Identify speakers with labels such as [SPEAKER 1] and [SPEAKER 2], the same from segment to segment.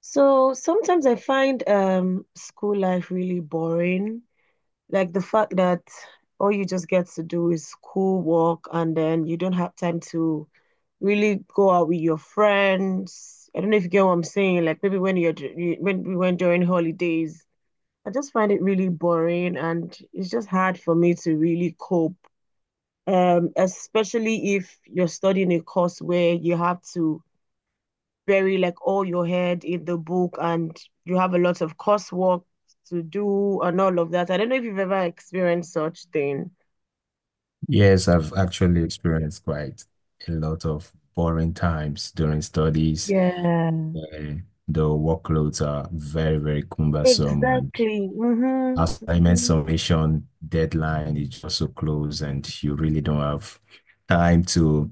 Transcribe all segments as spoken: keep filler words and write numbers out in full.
[SPEAKER 1] So sometimes I find um school life really boring. Like the fact that all you just get to do is school work and then you don't have time to really go out with your friends. I don't know if you get what I'm saying. Like maybe when you're dur- you- when we went during holidays, I just find it really boring and it's just hard for me to really cope. Um, especially if you're studying a course where you have to bury like all your head in the book and you have a lot of coursework to do and all of that. I don't know if you've ever experienced such thing.
[SPEAKER 2] Yes, I've actually experienced quite a lot of boring times during studies
[SPEAKER 1] Yeah.
[SPEAKER 2] where the workloads are very, very cumbersome and
[SPEAKER 1] Exactly. Mm-hmm.
[SPEAKER 2] assignment
[SPEAKER 1] Hmm.
[SPEAKER 2] submission deadline is just so close and you really don't have time to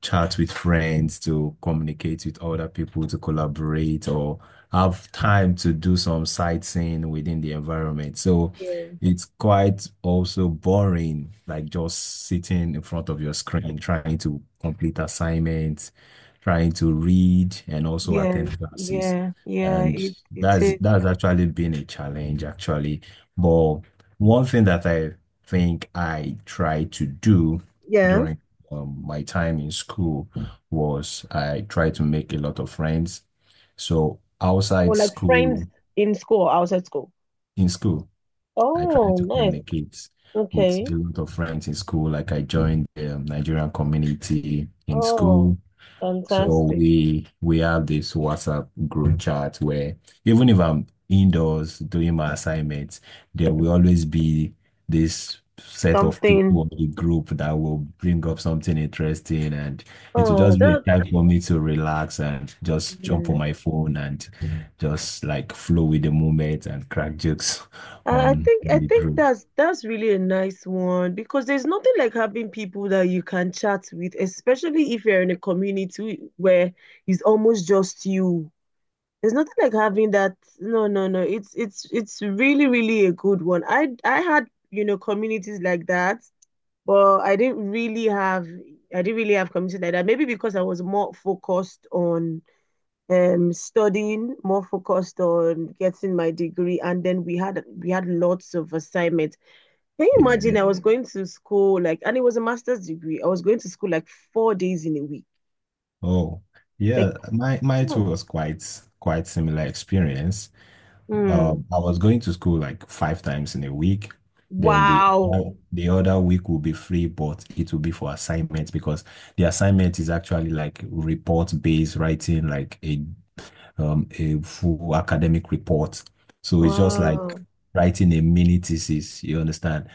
[SPEAKER 2] chat with friends, to communicate with other people, to collaborate, or have time to do some sightseeing within the environment. So
[SPEAKER 1] Yeah.
[SPEAKER 2] it's quite also boring, like just sitting in front of your screen, trying to complete assignments, trying to read, and also
[SPEAKER 1] Yeah.
[SPEAKER 2] attend classes.
[SPEAKER 1] Yeah. Yeah.
[SPEAKER 2] And
[SPEAKER 1] It it
[SPEAKER 2] that's
[SPEAKER 1] is.
[SPEAKER 2] that's actually been a challenge, actually. But one thing that I think I try to do
[SPEAKER 1] Yeah.
[SPEAKER 2] during um, my time in school was I tried to make a lot of friends. So outside
[SPEAKER 1] Or like friends
[SPEAKER 2] school,
[SPEAKER 1] in school, outside school.
[SPEAKER 2] in school, I tried
[SPEAKER 1] Oh,
[SPEAKER 2] to
[SPEAKER 1] nice.
[SPEAKER 2] communicate with
[SPEAKER 1] Okay.
[SPEAKER 2] a lot of friends in school. Like I joined the Nigerian community in school.
[SPEAKER 1] Oh,
[SPEAKER 2] So
[SPEAKER 1] fantastic.
[SPEAKER 2] we we have this WhatsApp group chat where even if I'm indoors doing my assignments, there will always be this set of
[SPEAKER 1] Something.
[SPEAKER 2] people in the group that will bring up something interesting and it will
[SPEAKER 1] Oh,
[SPEAKER 2] just be a
[SPEAKER 1] that
[SPEAKER 2] time for me to relax and just jump
[SPEAKER 1] Yeah.
[SPEAKER 2] on my phone and just like flow with the moment and crack jokes
[SPEAKER 1] I I
[SPEAKER 2] on
[SPEAKER 1] think I
[SPEAKER 2] the
[SPEAKER 1] think
[SPEAKER 2] group.
[SPEAKER 1] that's that's really a nice one because there's nothing like having people that you can chat with, especially if you're in a community where it's almost just you. There's nothing like having that. No, no, no. It's it's it's really, really a good one. I I had, you know, communities like that, but I didn't really have I didn't really have communities like that. Maybe because I was more focused on um, studying, more focused on getting my degree, and then we had we had lots of assignments. Can you imagine?
[SPEAKER 2] Yeah.
[SPEAKER 1] Mm. I was going to school like, and it was a master's degree. I was going to school like four days in a week.
[SPEAKER 2] Oh,
[SPEAKER 1] Like,
[SPEAKER 2] yeah. My my too
[SPEAKER 1] oh,
[SPEAKER 2] was quite quite similar experience.
[SPEAKER 1] mm,
[SPEAKER 2] Um, I was going to school like five times in a week. Then the
[SPEAKER 1] wow,
[SPEAKER 2] o- the other week will be free, but it will be for assignments because the assignment is actually like report-based writing, like a um a full academic report. So it's just like
[SPEAKER 1] wow,
[SPEAKER 2] writing a mini thesis, you understand?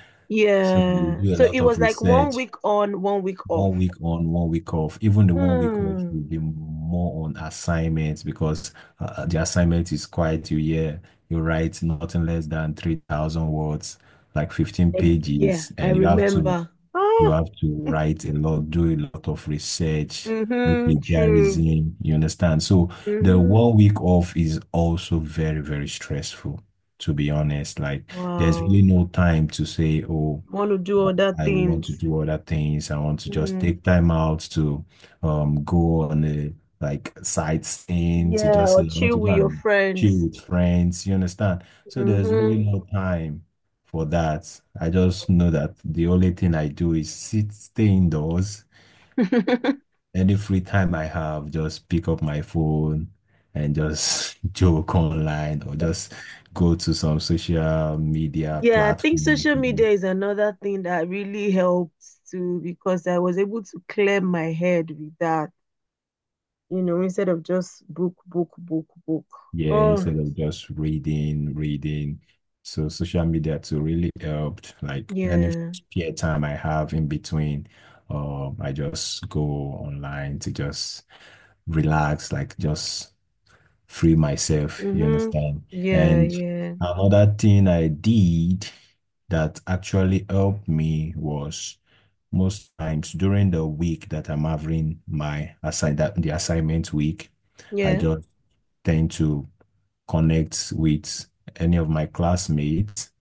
[SPEAKER 2] So you
[SPEAKER 1] yeah.
[SPEAKER 2] do a
[SPEAKER 1] So
[SPEAKER 2] lot
[SPEAKER 1] it
[SPEAKER 2] of
[SPEAKER 1] was like one
[SPEAKER 2] research
[SPEAKER 1] week on, one week off.
[SPEAKER 2] one week on, one week off. Even the one week off will
[SPEAKER 1] Mm,
[SPEAKER 2] be more on assignments because uh, uh, the assignment is quite. You yeah, you write nothing less than three thousand words, like fifteen
[SPEAKER 1] like, yeah,
[SPEAKER 2] pages,
[SPEAKER 1] I
[SPEAKER 2] and you have to
[SPEAKER 1] remember.
[SPEAKER 2] you
[SPEAKER 1] Ah,
[SPEAKER 2] have to write a lot, do a lot of research, do
[SPEAKER 1] mm-hmm, true.
[SPEAKER 2] plagiarism, you understand? So the
[SPEAKER 1] Mm-hmm.
[SPEAKER 2] one week off is also very, very stressful, to be honest. Like there's
[SPEAKER 1] Wow,
[SPEAKER 2] really no time to say, oh,
[SPEAKER 1] want to do other
[SPEAKER 2] I want to
[SPEAKER 1] things.
[SPEAKER 2] do other things. I want to just
[SPEAKER 1] Mm.
[SPEAKER 2] take time out to um go on a like sightseeing to
[SPEAKER 1] Yeah,
[SPEAKER 2] just
[SPEAKER 1] or
[SPEAKER 2] say I want
[SPEAKER 1] chill
[SPEAKER 2] to go
[SPEAKER 1] with your
[SPEAKER 2] and chill
[SPEAKER 1] friends.
[SPEAKER 2] with friends. You understand? So there's really
[SPEAKER 1] Mm-hmm.
[SPEAKER 2] no time for that. I just know that the only thing I do is sit, stay indoors. Any free time I have, just pick up my phone and just joke online or just go to some social media
[SPEAKER 1] Yeah, I think social media
[SPEAKER 2] platform.
[SPEAKER 1] is another thing that really helped too because I was able to clear my head with that, you know, instead of just book, book, book, book.
[SPEAKER 2] Yeah,
[SPEAKER 1] Oh,
[SPEAKER 2] instead of just reading, reading. So social media too really helped. Like any
[SPEAKER 1] yeah.
[SPEAKER 2] spare time I have in between, um, I just go online to just relax, like just free myself, you
[SPEAKER 1] Mm-hmm.
[SPEAKER 2] understand?
[SPEAKER 1] Yeah,
[SPEAKER 2] And
[SPEAKER 1] yeah,
[SPEAKER 2] another thing I did that actually helped me was most times during the week that I'm having my assign that the assignment week, I
[SPEAKER 1] yeah.
[SPEAKER 2] just tend to connect with any of my classmates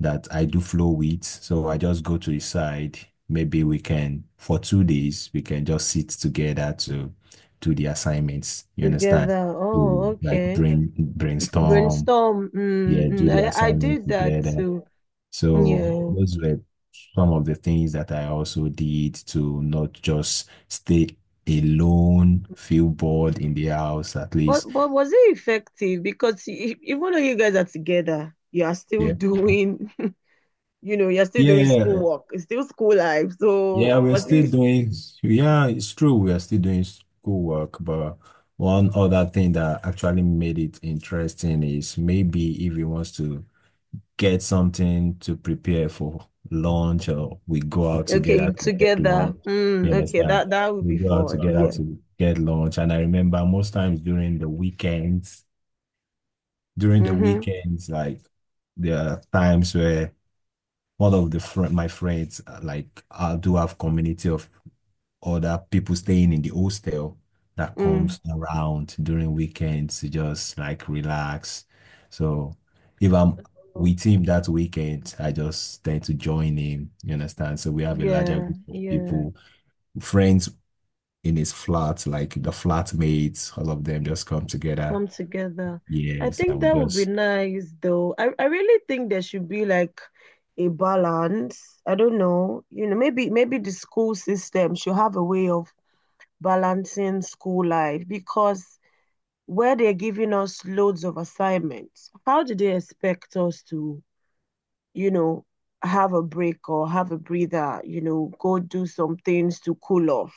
[SPEAKER 2] that I do flow with. So I just go to the side. Maybe we can, for two days, we can just sit together to do the assignments. You understand?
[SPEAKER 1] Together. Oh,
[SPEAKER 2] To like
[SPEAKER 1] okay.
[SPEAKER 2] brain brainstorm,
[SPEAKER 1] Brainstorm.
[SPEAKER 2] yeah,
[SPEAKER 1] Mm-hmm.
[SPEAKER 2] do the
[SPEAKER 1] I, I
[SPEAKER 2] assignment
[SPEAKER 1] did that
[SPEAKER 2] together.
[SPEAKER 1] too.
[SPEAKER 2] So
[SPEAKER 1] Yeah.
[SPEAKER 2] those were some of the things that I also did to not just stay alone, feel bored in the house at least.
[SPEAKER 1] But but was it effective? Because e- e, even though you guys are together, you are still
[SPEAKER 2] Yeah.
[SPEAKER 1] doing, you know, you're still
[SPEAKER 2] Yeah,
[SPEAKER 1] doing
[SPEAKER 2] yeah, yeah.
[SPEAKER 1] schoolwork. It's still school life.
[SPEAKER 2] Yeah,
[SPEAKER 1] So
[SPEAKER 2] we're
[SPEAKER 1] was
[SPEAKER 2] still
[SPEAKER 1] it
[SPEAKER 2] doing, yeah, it's true. We are still doing schoolwork, but one other thing that actually made it interesting is maybe if he wants to get something to prepare for lunch, or we go out together
[SPEAKER 1] okay
[SPEAKER 2] to get
[SPEAKER 1] together?
[SPEAKER 2] lunch. You
[SPEAKER 1] Mm, okay,
[SPEAKER 2] understand?
[SPEAKER 1] that that would
[SPEAKER 2] We
[SPEAKER 1] be
[SPEAKER 2] go out
[SPEAKER 1] fun.
[SPEAKER 2] together
[SPEAKER 1] Yeah.
[SPEAKER 2] to get lunch. And I remember most times during the weekends, during the
[SPEAKER 1] Mm-hmm.
[SPEAKER 2] weekends, like there are times where one of the fr my friends, uh, like I do have community of other people staying in the hostel that
[SPEAKER 1] Mm.
[SPEAKER 2] comes around during weekends to just like relax. So if I'm with him that weekend, I just tend to join him. You understand? So we have a larger
[SPEAKER 1] Yeah,
[SPEAKER 2] group of
[SPEAKER 1] yeah.
[SPEAKER 2] people, friends in his flat, like the flatmates, all of them just come together.
[SPEAKER 1] Come together. I
[SPEAKER 2] Yes,
[SPEAKER 1] think
[SPEAKER 2] and
[SPEAKER 1] that
[SPEAKER 2] we
[SPEAKER 1] would be
[SPEAKER 2] just
[SPEAKER 1] nice though. I, I really think there should be like a balance. I don't know. You know, maybe maybe the school system should have a way of balancing school life because where they're giving us loads of assignments, how do they expect us to, you know, have a break or have a breather, you know, go do some things to cool off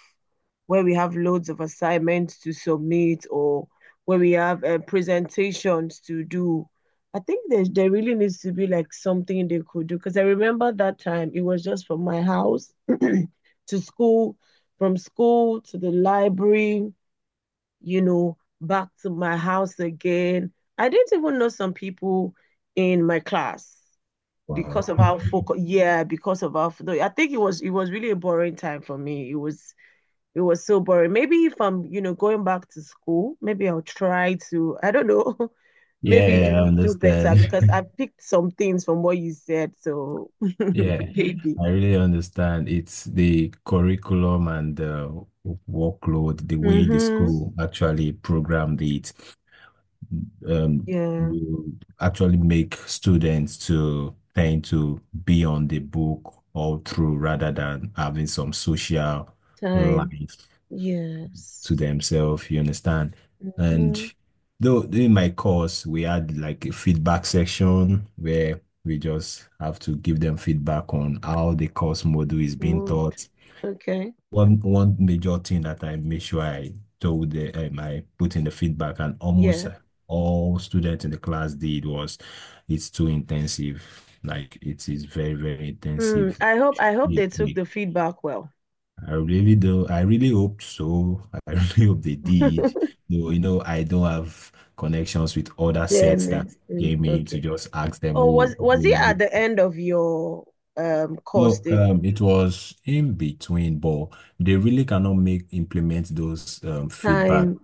[SPEAKER 1] where we have loads of assignments to submit or where we have uh, presentations to do? I think there, there really needs to be like something they could do because I remember that time it was just from my house to school, from school to the library you know, back to my house again. I didn't even know some people in my class
[SPEAKER 2] wow.
[SPEAKER 1] because of how focus. Yeah, because of how. I think it was it was really a boring time for me. It was it was so boring. Maybe if I'm you know going back to school, maybe I'll try to. I don't know. Maybe. Yeah.
[SPEAKER 2] Yeah, I
[SPEAKER 1] do do better
[SPEAKER 2] understand.
[SPEAKER 1] because I picked some things from what you said. So
[SPEAKER 2] Yeah,
[SPEAKER 1] maybe.
[SPEAKER 2] I really understand. It's the curriculum and the workload, the way the
[SPEAKER 1] Mm-hmm.
[SPEAKER 2] school actually programmed it, um,
[SPEAKER 1] Yeah.
[SPEAKER 2] will actually make students to tend to be on the book all through rather than having some social
[SPEAKER 1] Time.
[SPEAKER 2] life
[SPEAKER 1] Yes.
[SPEAKER 2] to themselves, you understand? And
[SPEAKER 1] Mm-hmm.
[SPEAKER 2] though in my course, we had like a feedback section where we just have to give them feedback on how the course module is being
[SPEAKER 1] Moved.
[SPEAKER 2] taught.
[SPEAKER 1] Okay.
[SPEAKER 2] One one major thing that I made sure I told the, um, I put in the feedback and almost
[SPEAKER 1] Yeah.
[SPEAKER 2] all students in the class did was it's too intensive. Like it is very, very
[SPEAKER 1] Mm,
[SPEAKER 2] intensive.
[SPEAKER 1] I hope I hope
[SPEAKER 2] Yeah,
[SPEAKER 1] they took
[SPEAKER 2] yeah.
[SPEAKER 1] the feedback well.
[SPEAKER 2] I really do. I really hope so. I really hope they did. Though, you know, I don't have connections with other
[SPEAKER 1] Then
[SPEAKER 2] sets that
[SPEAKER 1] it's- mm,
[SPEAKER 2] came in to
[SPEAKER 1] okay.
[SPEAKER 2] just ask them,
[SPEAKER 1] Oh,
[SPEAKER 2] oh,
[SPEAKER 1] was was
[SPEAKER 2] you
[SPEAKER 1] it
[SPEAKER 2] know,
[SPEAKER 1] at the
[SPEAKER 2] the-"
[SPEAKER 1] end of your um course
[SPEAKER 2] no,
[SPEAKER 1] the
[SPEAKER 2] um, it was in between, but they really cannot make implement those um, feedback
[SPEAKER 1] time?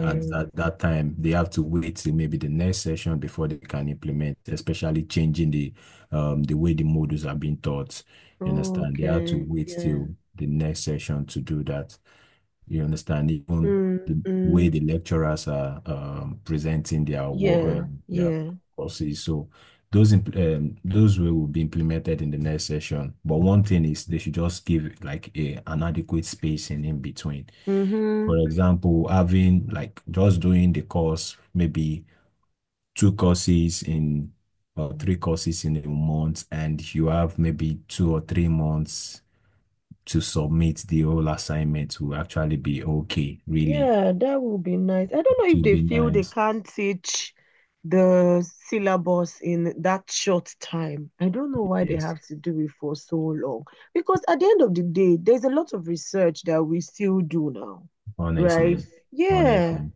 [SPEAKER 2] at that, that time. They have to wait till maybe the next session before they can implement, especially changing the um, the way the modules are being taught. You understand? They have to
[SPEAKER 1] Okay.
[SPEAKER 2] wait
[SPEAKER 1] Yeah.
[SPEAKER 2] till the next session to do that. You understand? Even
[SPEAKER 1] Mm,
[SPEAKER 2] the way
[SPEAKER 1] mm,
[SPEAKER 2] the lecturers are um, presenting their work,
[SPEAKER 1] yeah.
[SPEAKER 2] um, their
[SPEAKER 1] Yeah.
[SPEAKER 2] courses. So those imp- um, those way will be implemented in the next session. But one thing is they should just give like a an adequate spacing in between. For
[SPEAKER 1] Mm-hmm.
[SPEAKER 2] example, having like just doing the course, maybe two courses in or three courses in a month, and you have maybe two or three months to submit the whole assignment will actually be okay, really.
[SPEAKER 1] Yeah, that would be nice. I don't know if
[SPEAKER 2] To
[SPEAKER 1] they
[SPEAKER 2] be
[SPEAKER 1] feel they
[SPEAKER 2] nice.
[SPEAKER 1] can't teach the syllabus in that short time. I don't know why they
[SPEAKER 2] Yes,
[SPEAKER 1] have to do it for so long. Because at the end of the day, there's a lot of research that we still do now, right?
[SPEAKER 2] honestly,
[SPEAKER 1] Yeah,
[SPEAKER 2] honestly,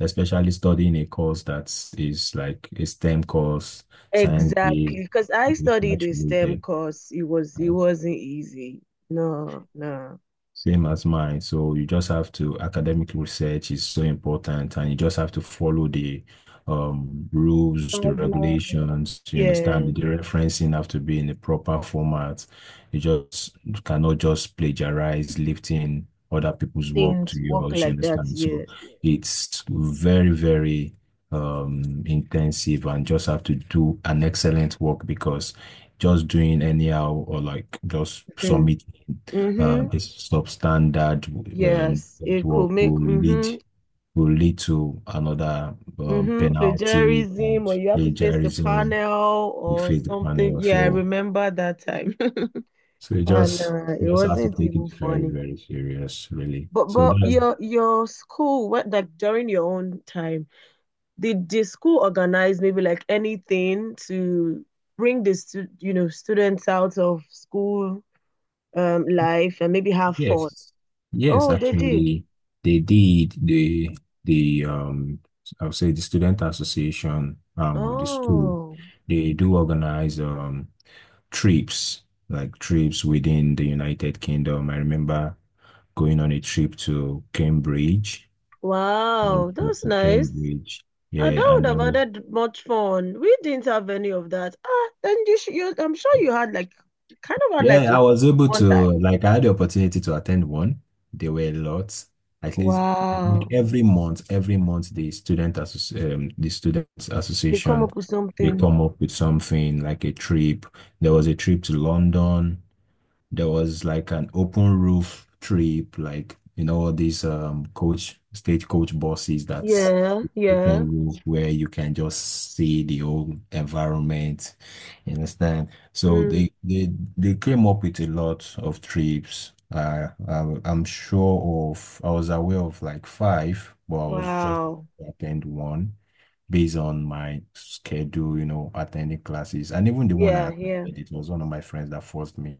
[SPEAKER 2] especially studying a course that is like a STEM course, science-based,
[SPEAKER 1] exactly. Because I studied a STEM
[SPEAKER 2] research-related.
[SPEAKER 1] course. It was it
[SPEAKER 2] uh,
[SPEAKER 1] wasn't easy. No, no.
[SPEAKER 2] Same as mine. So you just have to, academic research is so important and you just have to follow the um, rules, the
[SPEAKER 1] Guidelines.
[SPEAKER 2] regulations. You
[SPEAKER 1] Yeah,
[SPEAKER 2] understand? The referencing have to be in the proper format. You just you cannot just plagiarize lifting other people's work
[SPEAKER 1] things
[SPEAKER 2] to
[SPEAKER 1] work
[SPEAKER 2] yours. You
[SPEAKER 1] like that.
[SPEAKER 2] understand? So
[SPEAKER 1] Yes, yes.
[SPEAKER 2] it's very, very um, intensive and just have to do an excellent work because just doing anyhow or like just
[SPEAKER 1] Mm-hmm.
[SPEAKER 2] submit
[SPEAKER 1] Mm-hmm.
[SPEAKER 2] um, is substandard, um,
[SPEAKER 1] Yes,
[SPEAKER 2] that
[SPEAKER 1] it could
[SPEAKER 2] will,
[SPEAKER 1] make,
[SPEAKER 2] lead
[SPEAKER 1] mm-hmm,
[SPEAKER 2] will lead to another um,
[SPEAKER 1] mm-hmm,
[SPEAKER 2] penalty
[SPEAKER 1] plagiarism,
[SPEAKER 2] and
[SPEAKER 1] or you have to face the
[SPEAKER 2] plagiarism.
[SPEAKER 1] panel
[SPEAKER 2] We
[SPEAKER 1] or
[SPEAKER 2] face the
[SPEAKER 1] something.
[SPEAKER 2] panel.
[SPEAKER 1] Yeah, I
[SPEAKER 2] So
[SPEAKER 1] remember that time.
[SPEAKER 2] so you
[SPEAKER 1] And
[SPEAKER 2] just
[SPEAKER 1] uh, it
[SPEAKER 2] just have to
[SPEAKER 1] wasn't
[SPEAKER 2] take it
[SPEAKER 1] even
[SPEAKER 2] very,
[SPEAKER 1] funny.
[SPEAKER 2] very serious, really.
[SPEAKER 1] But
[SPEAKER 2] So
[SPEAKER 1] but
[SPEAKER 2] that's
[SPEAKER 1] your your school, what like during your own time, did the school organize maybe like anything to bring the stu you know students out of school um life and maybe have fun?
[SPEAKER 2] Yes, yes,
[SPEAKER 1] Oh, they did.
[SPEAKER 2] actually, they did. The the um, I'll say the student association um of the school,
[SPEAKER 1] Oh,
[SPEAKER 2] they do organize um trips like trips within the United Kingdom. I remember going on a trip to Cambridge, a
[SPEAKER 1] wow,
[SPEAKER 2] trip
[SPEAKER 1] that's
[SPEAKER 2] to
[SPEAKER 1] nice.
[SPEAKER 2] Cambridge,
[SPEAKER 1] Uh,
[SPEAKER 2] yeah,
[SPEAKER 1] that would
[SPEAKER 2] and there
[SPEAKER 1] have
[SPEAKER 2] was.
[SPEAKER 1] added much fun. We didn't have any of that. Ah, then you, sh you, I'm sure you had like, kind of had like
[SPEAKER 2] Yeah,
[SPEAKER 1] a,
[SPEAKER 2] I was able
[SPEAKER 1] one time.
[SPEAKER 2] to, like, I had the opportunity to attend one. There were lots. At least, I think
[SPEAKER 1] Wow.
[SPEAKER 2] every month, every month, the student associ um, the students
[SPEAKER 1] They come
[SPEAKER 2] association,
[SPEAKER 1] up with
[SPEAKER 2] they
[SPEAKER 1] something.
[SPEAKER 2] come up with something like a trip. There was a trip to London. There was like an open roof trip, like you know, all these um coach stagecoach buses that's
[SPEAKER 1] Yeah, yeah.
[SPEAKER 2] open roof where you can just see the whole environment. You understand? So
[SPEAKER 1] Mm.
[SPEAKER 2] they they they came up with a lot of trips. Uh, I, I'm sure of, I was aware of like five, but I was just
[SPEAKER 1] Wow.
[SPEAKER 2] attend one based on my schedule, you know, attending classes. And even the one
[SPEAKER 1] Yeah,
[SPEAKER 2] I attended,
[SPEAKER 1] yeah.
[SPEAKER 2] it was one of my friends that forced me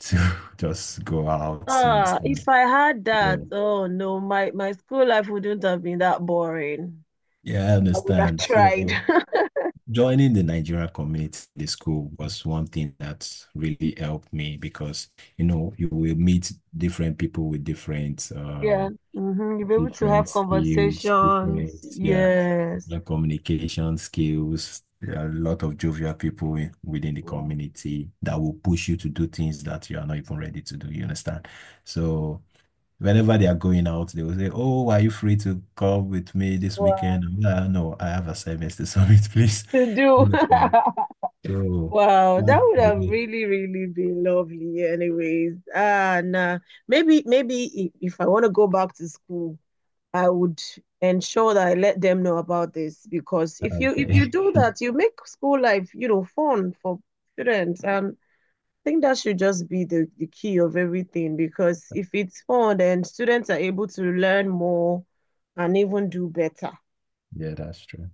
[SPEAKER 2] to just go out, you
[SPEAKER 1] Ah,
[SPEAKER 2] understand?
[SPEAKER 1] if I had that,
[SPEAKER 2] Yeah.
[SPEAKER 1] oh no, my my school life wouldn't have been that boring.
[SPEAKER 2] Yeah, I
[SPEAKER 1] I would have
[SPEAKER 2] understand.
[SPEAKER 1] tried.
[SPEAKER 2] So joining the Nigerian community, the school was one thing that really helped me because, you know, you will meet different people with different
[SPEAKER 1] Yeah,
[SPEAKER 2] um
[SPEAKER 1] mm-hmm. You'll be able to
[SPEAKER 2] different
[SPEAKER 1] have
[SPEAKER 2] skills,
[SPEAKER 1] conversations.
[SPEAKER 2] different, yeah
[SPEAKER 1] Yes.
[SPEAKER 2] the communication skills. There are a lot of jovial people in- within the
[SPEAKER 1] Wow.
[SPEAKER 2] community that will push you to do things that you are not even ready to do. You understand? So whenever they are going out, they will say, "Oh, are you free to come with me this weekend?"
[SPEAKER 1] Wow.
[SPEAKER 2] I'm like, "Ah, no, I have assignments to submit, please.
[SPEAKER 1] To
[SPEAKER 2] You
[SPEAKER 1] do.
[SPEAKER 2] know, So
[SPEAKER 1] Wow, that
[SPEAKER 2] that's
[SPEAKER 1] would have
[SPEAKER 2] the-
[SPEAKER 1] really, really been lovely anyways. Ah, nah. Maybe, maybe if, if I want to go back to school, I would ensure that I let them know about this because if you if
[SPEAKER 2] okay."
[SPEAKER 1] you do that, you make school life, you know, fun for students. And I think that should just be the, the key of everything because if it's fun, then students are able to learn more and even do better.
[SPEAKER 2] Yeah, that's true.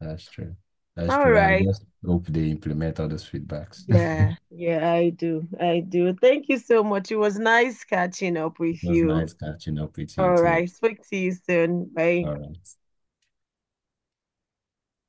[SPEAKER 2] That's true. That's
[SPEAKER 1] All
[SPEAKER 2] true. I
[SPEAKER 1] right.
[SPEAKER 2] just hope they implement all those feedbacks.
[SPEAKER 1] Yeah, yeah, I do. I do. Thank you so much. It was nice catching up with
[SPEAKER 2] It was
[SPEAKER 1] you.
[SPEAKER 2] nice catching up with you
[SPEAKER 1] All
[SPEAKER 2] too.
[SPEAKER 1] right. Speak to you soon. Bye.
[SPEAKER 2] All right.